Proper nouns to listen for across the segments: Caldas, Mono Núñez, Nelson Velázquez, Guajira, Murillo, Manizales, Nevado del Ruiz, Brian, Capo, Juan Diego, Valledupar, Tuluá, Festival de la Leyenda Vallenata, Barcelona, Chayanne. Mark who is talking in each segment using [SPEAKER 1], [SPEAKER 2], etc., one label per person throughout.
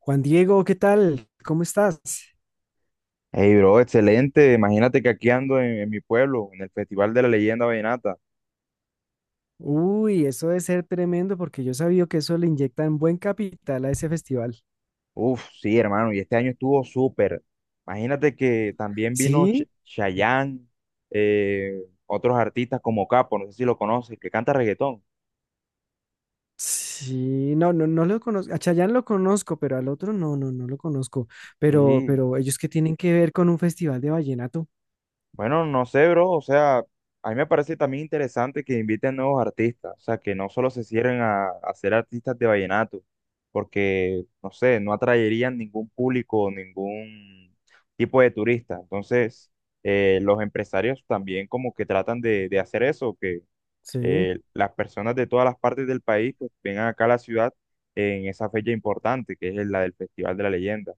[SPEAKER 1] Juan Diego, ¿qué tal? ¿Cómo estás?
[SPEAKER 2] Hey, bro, excelente. Imagínate que aquí ando en mi pueblo, en el Festival de la Leyenda Vallenata.
[SPEAKER 1] Uy, eso debe ser tremendo porque yo sabía que eso le inyectan buen capital a ese festival.
[SPEAKER 2] Uf, sí, hermano, y este año estuvo súper. Imagínate que también vino
[SPEAKER 1] Sí,
[SPEAKER 2] Chayanne, eh, otros artistas como Capo, no sé si lo conoces, que canta reggaetón.
[SPEAKER 1] sí, no, no, no lo conozco. A Chayanne lo conozco, pero al otro no, no, no lo conozco. Pero,
[SPEAKER 2] Sí.
[SPEAKER 1] pero ellos que tienen que ver con un festival de vallenato.
[SPEAKER 2] Bueno, no sé, bro, o sea, a mí me parece también interesante que inviten nuevos artistas, o sea, que no solo se cierren a ser artistas de vallenato, porque, no sé, no atraerían ningún público, ningún tipo de turista. Entonces, los empresarios también como que tratan de hacer eso, que
[SPEAKER 1] Sí.
[SPEAKER 2] las personas de todas las partes del país pues vengan acá a la ciudad en esa fecha importante, que es la del Festival de la Leyenda.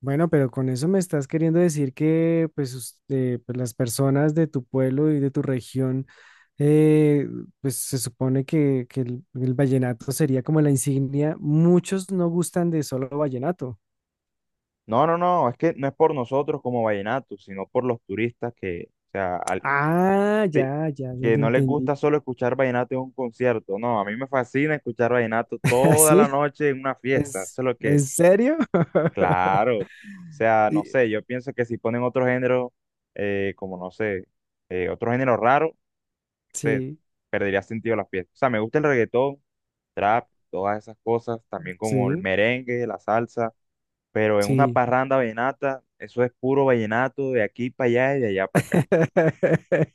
[SPEAKER 1] Bueno, pero con eso me estás queriendo decir que pues, pues, las personas de tu pueblo y de tu región, eh, pues se supone que el vallenato sería como la insignia. Muchos no gustan de solo vallenato.
[SPEAKER 2] No, no, no, es que no es por nosotros como vallenatos, sino por los turistas que, o sea,
[SPEAKER 1] Ah, ya,
[SPEAKER 2] te-
[SPEAKER 1] ya, ya
[SPEAKER 2] que
[SPEAKER 1] te
[SPEAKER 2] no les
[SPEAKER 1] entendí.
[SPEAKER 2] gusta solo escuchar vallenato en un concierto. No, a mí me fascina escuchar vallenato toda la
[SPEAKER 1] ¿Así?
[SPEAKER 2] noche en una fiesta.
[SPEAKER 1] ¿Es,
[SPEAKER 2] Eso es lo
[SPEAKER 1] en
[SPEAKER 2] que,
[SPEAKER 1] serio?
[SPEAKER 2] claro, o sea, no
[SPEAKER 1] Y-
[SPEAKER 2] sé, yo pienso que si ponen otro género, como no sé, otro género raro, no sé,
[SPEAKER 1] sí,
[SPEAKER 2] perdería sentido la fiesta. O sea, me gusta el reggaetón, trap, todas esas cosas, también como el
[SPEAKER 1] sí,
[SPEAKER 2] merengue, la salsa, pero en una
[SPEAKER 1] sí.
[SPEAKER 2] parranda vallenata, eso es puro vallenato de aquí para allá y de allá para acá.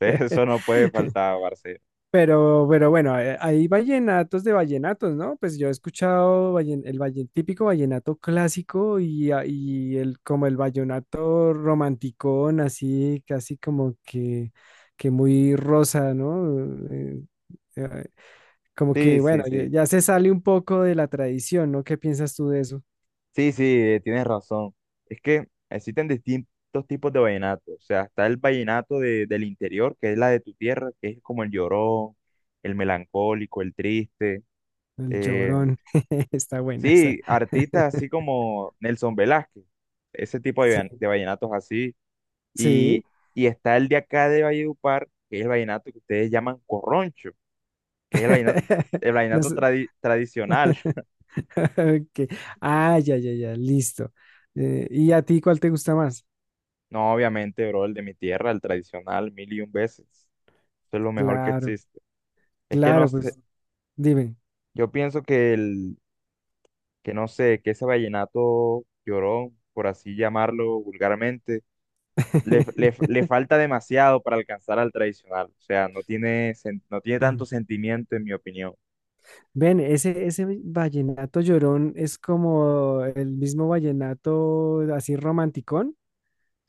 [SPEAKER 2] Entonces, eso no puede faltar, Barcelona.
[SPEAKER 1] Pero bueno, hay vallenatos de vallenatos, ¿no? Pues yo he escuchado típico vallenato clásico y, y el, como el vallenato romanticón, así, casi como que muy rosa, ¿no? Eh, eh, como
[SPEAKER 2] Sí,
[SPEAKER 1] que, bueno,
[SPEAKER 2] sí,
[SPEAKER 1] ya,
[SPEAKER 2] sí.
[SPEAKER 1] ya se sale un poco de la tradición, ¿no? ¿Qué piensas tú de eso?
[SPEAKER 2] Sí, sí, tienes razón. Es que existen distintos tipos de vallenato. O sea, está el vallenato del interior, que es la de tu tierra, que es como el llorón, el melancólico, el triste.
[SPEAKER 1] El
[SPEAKER 2] eh,
[SPEAKER 1] llorón, está buena esa.
[SPEAKER 2] sí, artistas así como Nelson Velázquez, ese tipo de,
[SPEAKER 1] Sí,
[SPEAKER 2] vallen- de vallenatos así.
[SPEAKER 1] sí.
[SPEAKER 2] Y, y está el de acá de Valledupar, que es el vallenato que ustedes llaman corroncho, que es el
[SPEAKER 1] No
[SPEAKER 2] vallenato
[SPEAKER 1] sé.
[SPEAKER 2] tradicional.
[SPEAKER 1] Ok. Ah, ya, ya, ya, listo. ¿Y a ti cuál te gusta más?
[SPEAKER 2] No, obviamente, bro, el de mi tierra, el tradicional, mil y un veces. Eso es lo mejor que
[SPEAKER 1] Claro,
[SPEAKER 2] existe. Es que no
[SPEAKER 1] claro,
[SPEAKER 2] sé,
[SPEAKER 1] pues dime.
[SPEAKER 2] yo pienso que no sé, que ese vallenato llorón, por así llamarlo vulgarmente, le falta demasiado para alcanzar al tradicional. O sea, no tiene, no tiene tanto sentimiento, en mi opinión.
[SPEAKER 1] Ven, ese vallenato llorón es como el mismo vallenato así romanticón,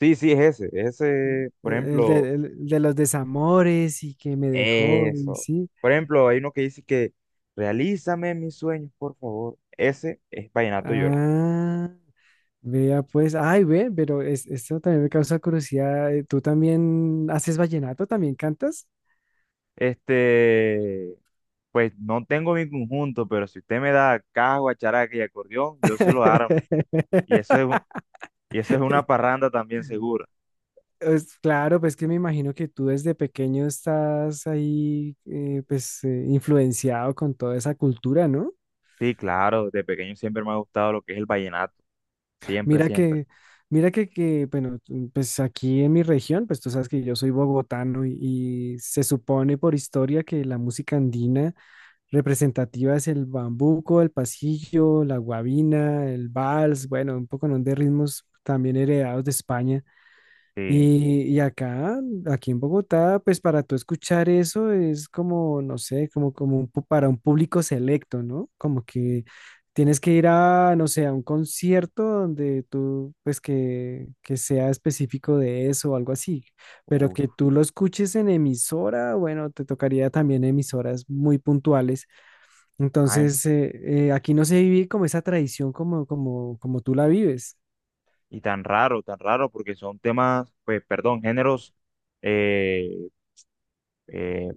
[SPEAKER 2] Sí, sí, es ese. Es ese, por ejemplo.
[SPEAKER 1] el de los desamores y que me dejó, y
[SPEAKER 2] Eso.
[SPEAKER 1] sí.
[SPEAKER 2] Por ejemplo, hay uno que dice que realízame mis sueños, por favor. Ese es Vallenato Llorón.
[SPEAKER 1] Ah, vea pues, ay, ve, pero esto también me causa curiosidad. ¿Tú también haces vallenato? ¿También cantas?
[SPEAKER 2] Este, pues no tengo mi conjunto, pero si usted me da caja, guacharaca y acordeón, yo se lo armo. Y eso es, un- y eso es una parranda también segura.
[SPEAKER 1] Pues, claro, pues que me imagino que tú desde pequeño estás ahí, pues, influenciado con toda esa cultura, ¿no?
[SPEAKER 2] Sí, claro, de pequeño siempre me ha gustado lo que es el vallenato. Siempre,
[SPEAKER 1] Mira
[SPEAKER 2] siempre.
[SPEAKER 1] que, mira que, bueno, tú, pues aquí en mi región, pues tú sabes que yo soy bogotano y se supone por historia que la música andina representativa es el bambuco, el pasillo, la guabina, el vals, bueno, un poco ¿no? de ritmos también heredados de España.
[SPEAKER 2] Sí.
[SPEAKER 1] Y acá, aquí en Bogotá, pues para tú escuchar eso es como, no sé, como, como para un público selecto, ¿no? Como que tienes que ir a, no sé, a un concierto donde tú, pues que sea específico de eso o algo así, pero que
[SPEAKER 2] Uf.
[SPEAKER 1] tú lo escuches en emisora, bueno, te tocaría también emisoras muy puntuales.
[SPEAKER 2] Ay,
[SPEAKER 1] Entonces, aquí no se vive como esa tradición como, como, como tú la vives.
[SPEAKER 2] y tan raro, porque son temas, pues, perdón, géneros. eh, eh,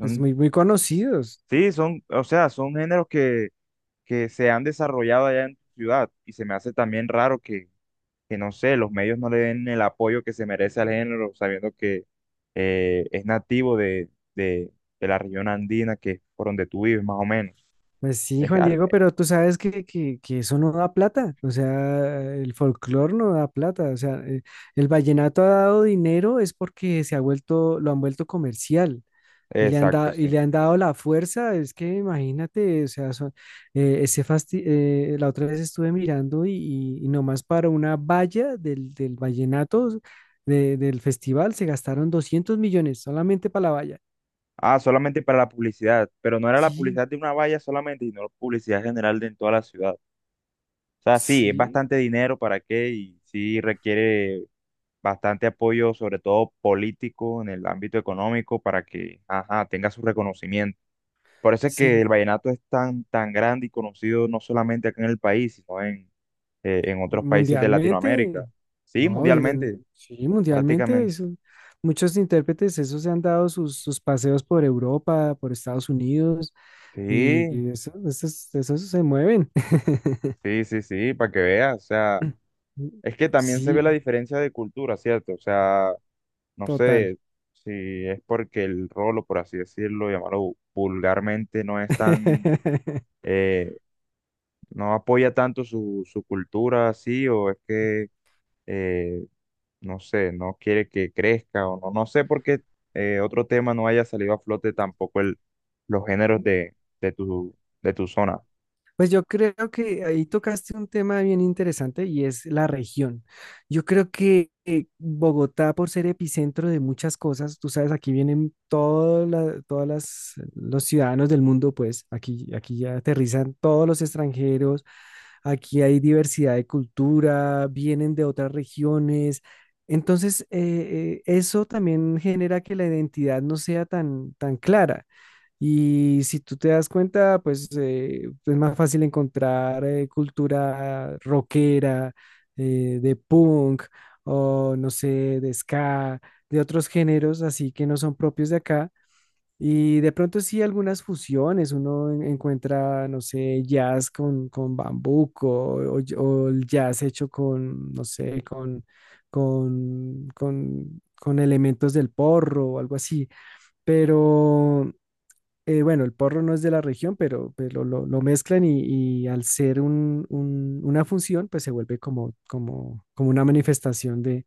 [SPEAKER 1] Es muy, muy conocidos.
[SPEAKER 2] sí, son, o sea, son géneros que se han desarrollado allá en tu ciudad y se me hace también raro que, no sé, los medios no le den el apoyo que se merece al género, sabiendo que es nativo de, de la región andina, que es por donde tú vives, más o menos.
[SPEAKER 1] Pues sí,
[SPEAKER 2] Es,
[SPEAKER 1] Juan
[SPEAKER 2] al-
[SPEAKER 1] Diego, pero tú sabes que eso no da plata, o sea, el folclore no da plata, o sea, el vallenato ha dado dinero es porque se ha vuelto, lo han vuelto comercial y le han
[SPEAKER 2] exacto,
[SPEAKER 1] dado,
[SPEAKER 2] sí.
[SPEAKER 1] y le han dado la fuerza, es que imagínate, o sea, la otra vez estuve mirando y nomás para una valla del vallenato del festival se gastaron 200 millones solamente para la valla.
[SPEAKER 2] Ah, solamente para la publicidad, pero no era la
[SPEAKER 1] Sí,
[SPEAKER 2] publicidad de una valla solamente, sino la publicidad general de en toda la ciudad. O sea, sí, es
[SPEAKER 1] sí,
[SPEAKER 2] bastante dinero para qué y sí requiere bastante apoyo, sobre todo político, en el ámbito económico, para que, ajá, tenga su reconocimiento. Por eso es que el
[SPEAKER 1] sí.
[SPEAKER 2] vallenato es tan, tan grande y conocido no solamente acá en el país, sino en otros países de Latinoamérica.
[SPEAKER 1] Mundialmente,
[SPEAKER 2] Sí,
[SPEAKER 1] no,
[SPEAKER 2] mundialmente,
[SPEAKER 1] sí, mundialmente,
[SPEAKER 2] prácticamente.
[SPEAKER 1] eso- muchos intérpretes, esos se han dado sus, sus paseos por Europa, por Estados Unidos, y,
[SPEAKER 2] Sí,
[SPEAKER 1] y eso, esos, esos se mueven.
[SPEAKER 2] sí, sí, sí, para que veas. O sea, es que también se
[SPEAKER 1] Sí,
[SPEAKER 2] ve la diferencia de cultura, ¿cierto? O sea, no
[SPEAKER 1] total.
[SPEAKER 2] sé si es porque el rolo, por así decirlo, llamarlo vulgarmente, no es tan, eh, no apoya tanto su cultura así, o es que, eh, no sé, no quiere que crezca, o no, no sé por qué otro tema no haya salido a flote tampoco los géneros de tu, de tu zona.
[SPEAKER 1] Pues yo creo que ahí tocaste un tema bien interesante y es la región. Yo creo que Bogotá, por ser epicentro de muchas cosas, tú sabes, aquí vienen todas las, los ciudadanos del mundo, pues aquí, aquí ya aterrizan todos los extranjeros, aquí hay diversidad de cultura, vienen de otras regiones. Entonces, eso también genera que la identidad no sea tan, tan clara. Y si tú te das cuenta, pues es más fácil encontrar cultura rockera, de punk, o no sé, de ska, de otros géneros así que no son propios de acá, y de pronto sí algunas fusiones, uno encuentra, no sé, jazz con bambuco o el jazz hecho con, no sé, con elementos del porro o algo así. Pero bueno, el porro no es de la región, pero lo mezclan y al ser una función, pues se vuelve como, como, como una manifestación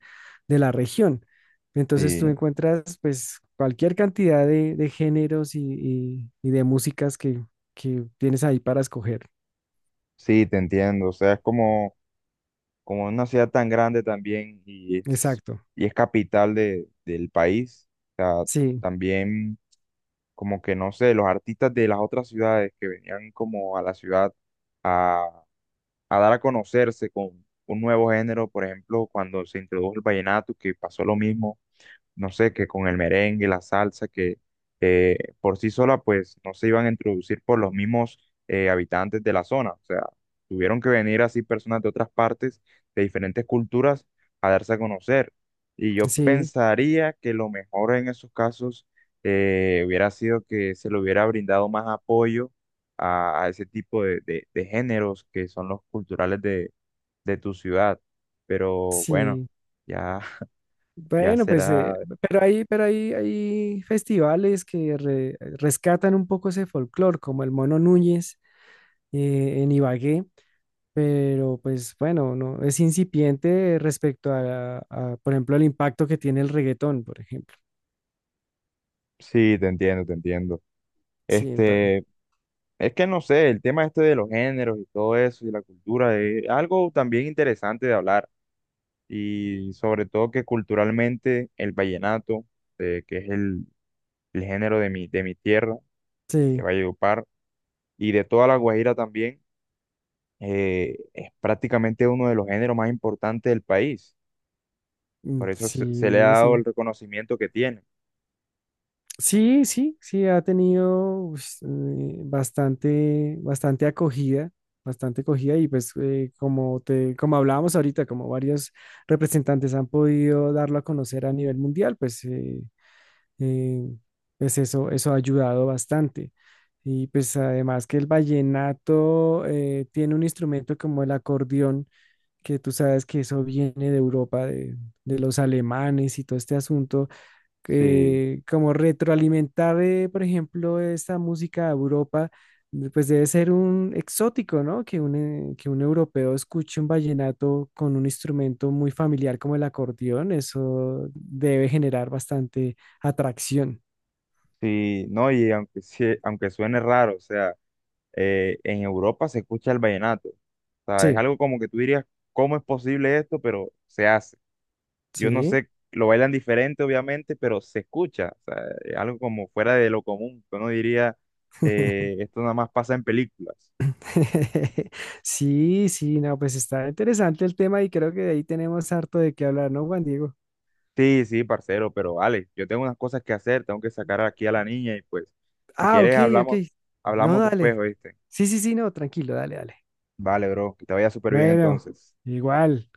[SPEAKER 1] de la región. Entonces tú
[SPEAKER 2] Sí,
[SPEAKER 1] encuentras pues cualquier cantidad de géneros y de músicas que tienes ahí para escoger.
[SPEAKER 2] sí, te entiendo. O sea, es como una ciudad tan grande también y es,
[SPEAKER 1] Exacto.
[SPEAKER 2] y es capital del país. O sea,
[SPEAKER 1] Sí,
[SPEAKER 2] también como que, no sé, los artistas de las otras ciudades que venían como a la ciudad a dar a conocerse con un nuevo género, por ejemplo, cuando se introdujo el vallenato, que pasó lo mismo, no sé, que con el merengue, la salsa, que por sí sola, pues no se iban a introducir por los mismos habitantes de la zona. O sea, tuvieron que venir así personas de otras partes, de diferentes culturas, a darse a conocer. Y yo
[SPEAKER 1] sí,
[SPEAKER 2] pensaría que lo mejor en esos casos hubiera sido que se le hubiera brindado más apoyo a ese tipo de géneros que son los culturales de tu ciudad. Pero bueno,
[SPEAKER 1] sí.
[SPEAKER 2] ya. Ya
[SPEAKER 1] Bueno, pues,
[SPEAKER 2] será.
[SPEAKER 1] pero hay, hay festivales que rescatan un poco ese folclore, como el Mono Núñez en Ibagué, pero pues bueno, no, es incipiente respecto a, por ejemplo, el impacto que tiene el reggaetón, por ejemplo.
[SPEAKER 2] Sí, te entiendo, te entiendo.
[SPEAKER 1] Sí, entonces,
[SPEAKER 2] Este, es que no sé, el tema este de los géneros y todo eso y la cultura es algo también interesante de hablar, y sobre todo que culturalmente el vallenato, que es el género de mi tierra, de
[SPEAKER 1] sí,
[SPEAKER 2] Valledupar y de toda la Guajira también, es prácticamente uno de los géneros más importantes del país. Por
[SPEAKER 1] mm,
[SPEAKER 2] eso se le ha
[SPEAKER 1] sí,
[SPEAKER 2] dado
[SPEAKER 1] sí.
[SPEAKER 2] el reconocimiento que tiene.
[SPEAKER 1] Sí, sí, sí, ha tenido pues, bastante, bastante acogida y pues como te, como hablábamos ahorita, como varios representantes han podido darlo a conocer a nivel mundial, pues eh, pues eso ha ayudado bastante. Y pues además que el vallenato tiene un instrumento como el acordeón, que tú sabes que eso viene de Europa, de los alemanes y todo este asunto,
[SPEAKER 2] Sí,
[SPEAKER 1] como retroalimentar, por ejemplo, esta música a Europa, pues debe ser un exótico, ¿no? Que un europeo escuche un vallenato con un instrumento muy familiar como el acordeón, eso debe generar bastante atracción.
[SPEAKER 2] sí, no, y aunque suene raro, o sea, en Europa se escucha el vallenato. O sea, es
[SPEAKER 1] Sí,
[SPEAKER 2] algo como que tú dirías, ¿cómo es posible esto? Pero se hace. Yo no
[SPEAKER 1] sí.
[SPEAKER 2] sé, lo bailan diferente, obviamente, pero se escucha. O sea, es algo como fuera de lo común. Uno diría, esto nada más pasa en películas.
[SPEAKER 1] Sí, sí, no, pues está interesante el tema y creo que de ahí tenemos harto de qué hablar, ¿no, Juan Diego?
[SPEAKER 2] Sí, sí, parcero, pero vale, yo tengo unas cosas que hacer, tengo que sacar aquí a la niña y pues, si
[SPEAKER 1] Ah,
[SPEAKER 2] quieres
[SPEAKER 1] ok, ok.
[SPEAKER 2] hablamos,
[SPEAKER 1] No,
[SPEAKER 2] hablamos después,
[SPEAKER 1] dale.
[SPEAKER 2] ¿oíste?
[SPEAKER 1] Sí, sí, sí, no, tranquilo, dale, dale.
[SPEAKER 2] Vale, bro, que te vaya súper bien
[SPEAKER 1] Bueno,
[SPEAKER 2] entonces.
[SPEAKER 1] igual.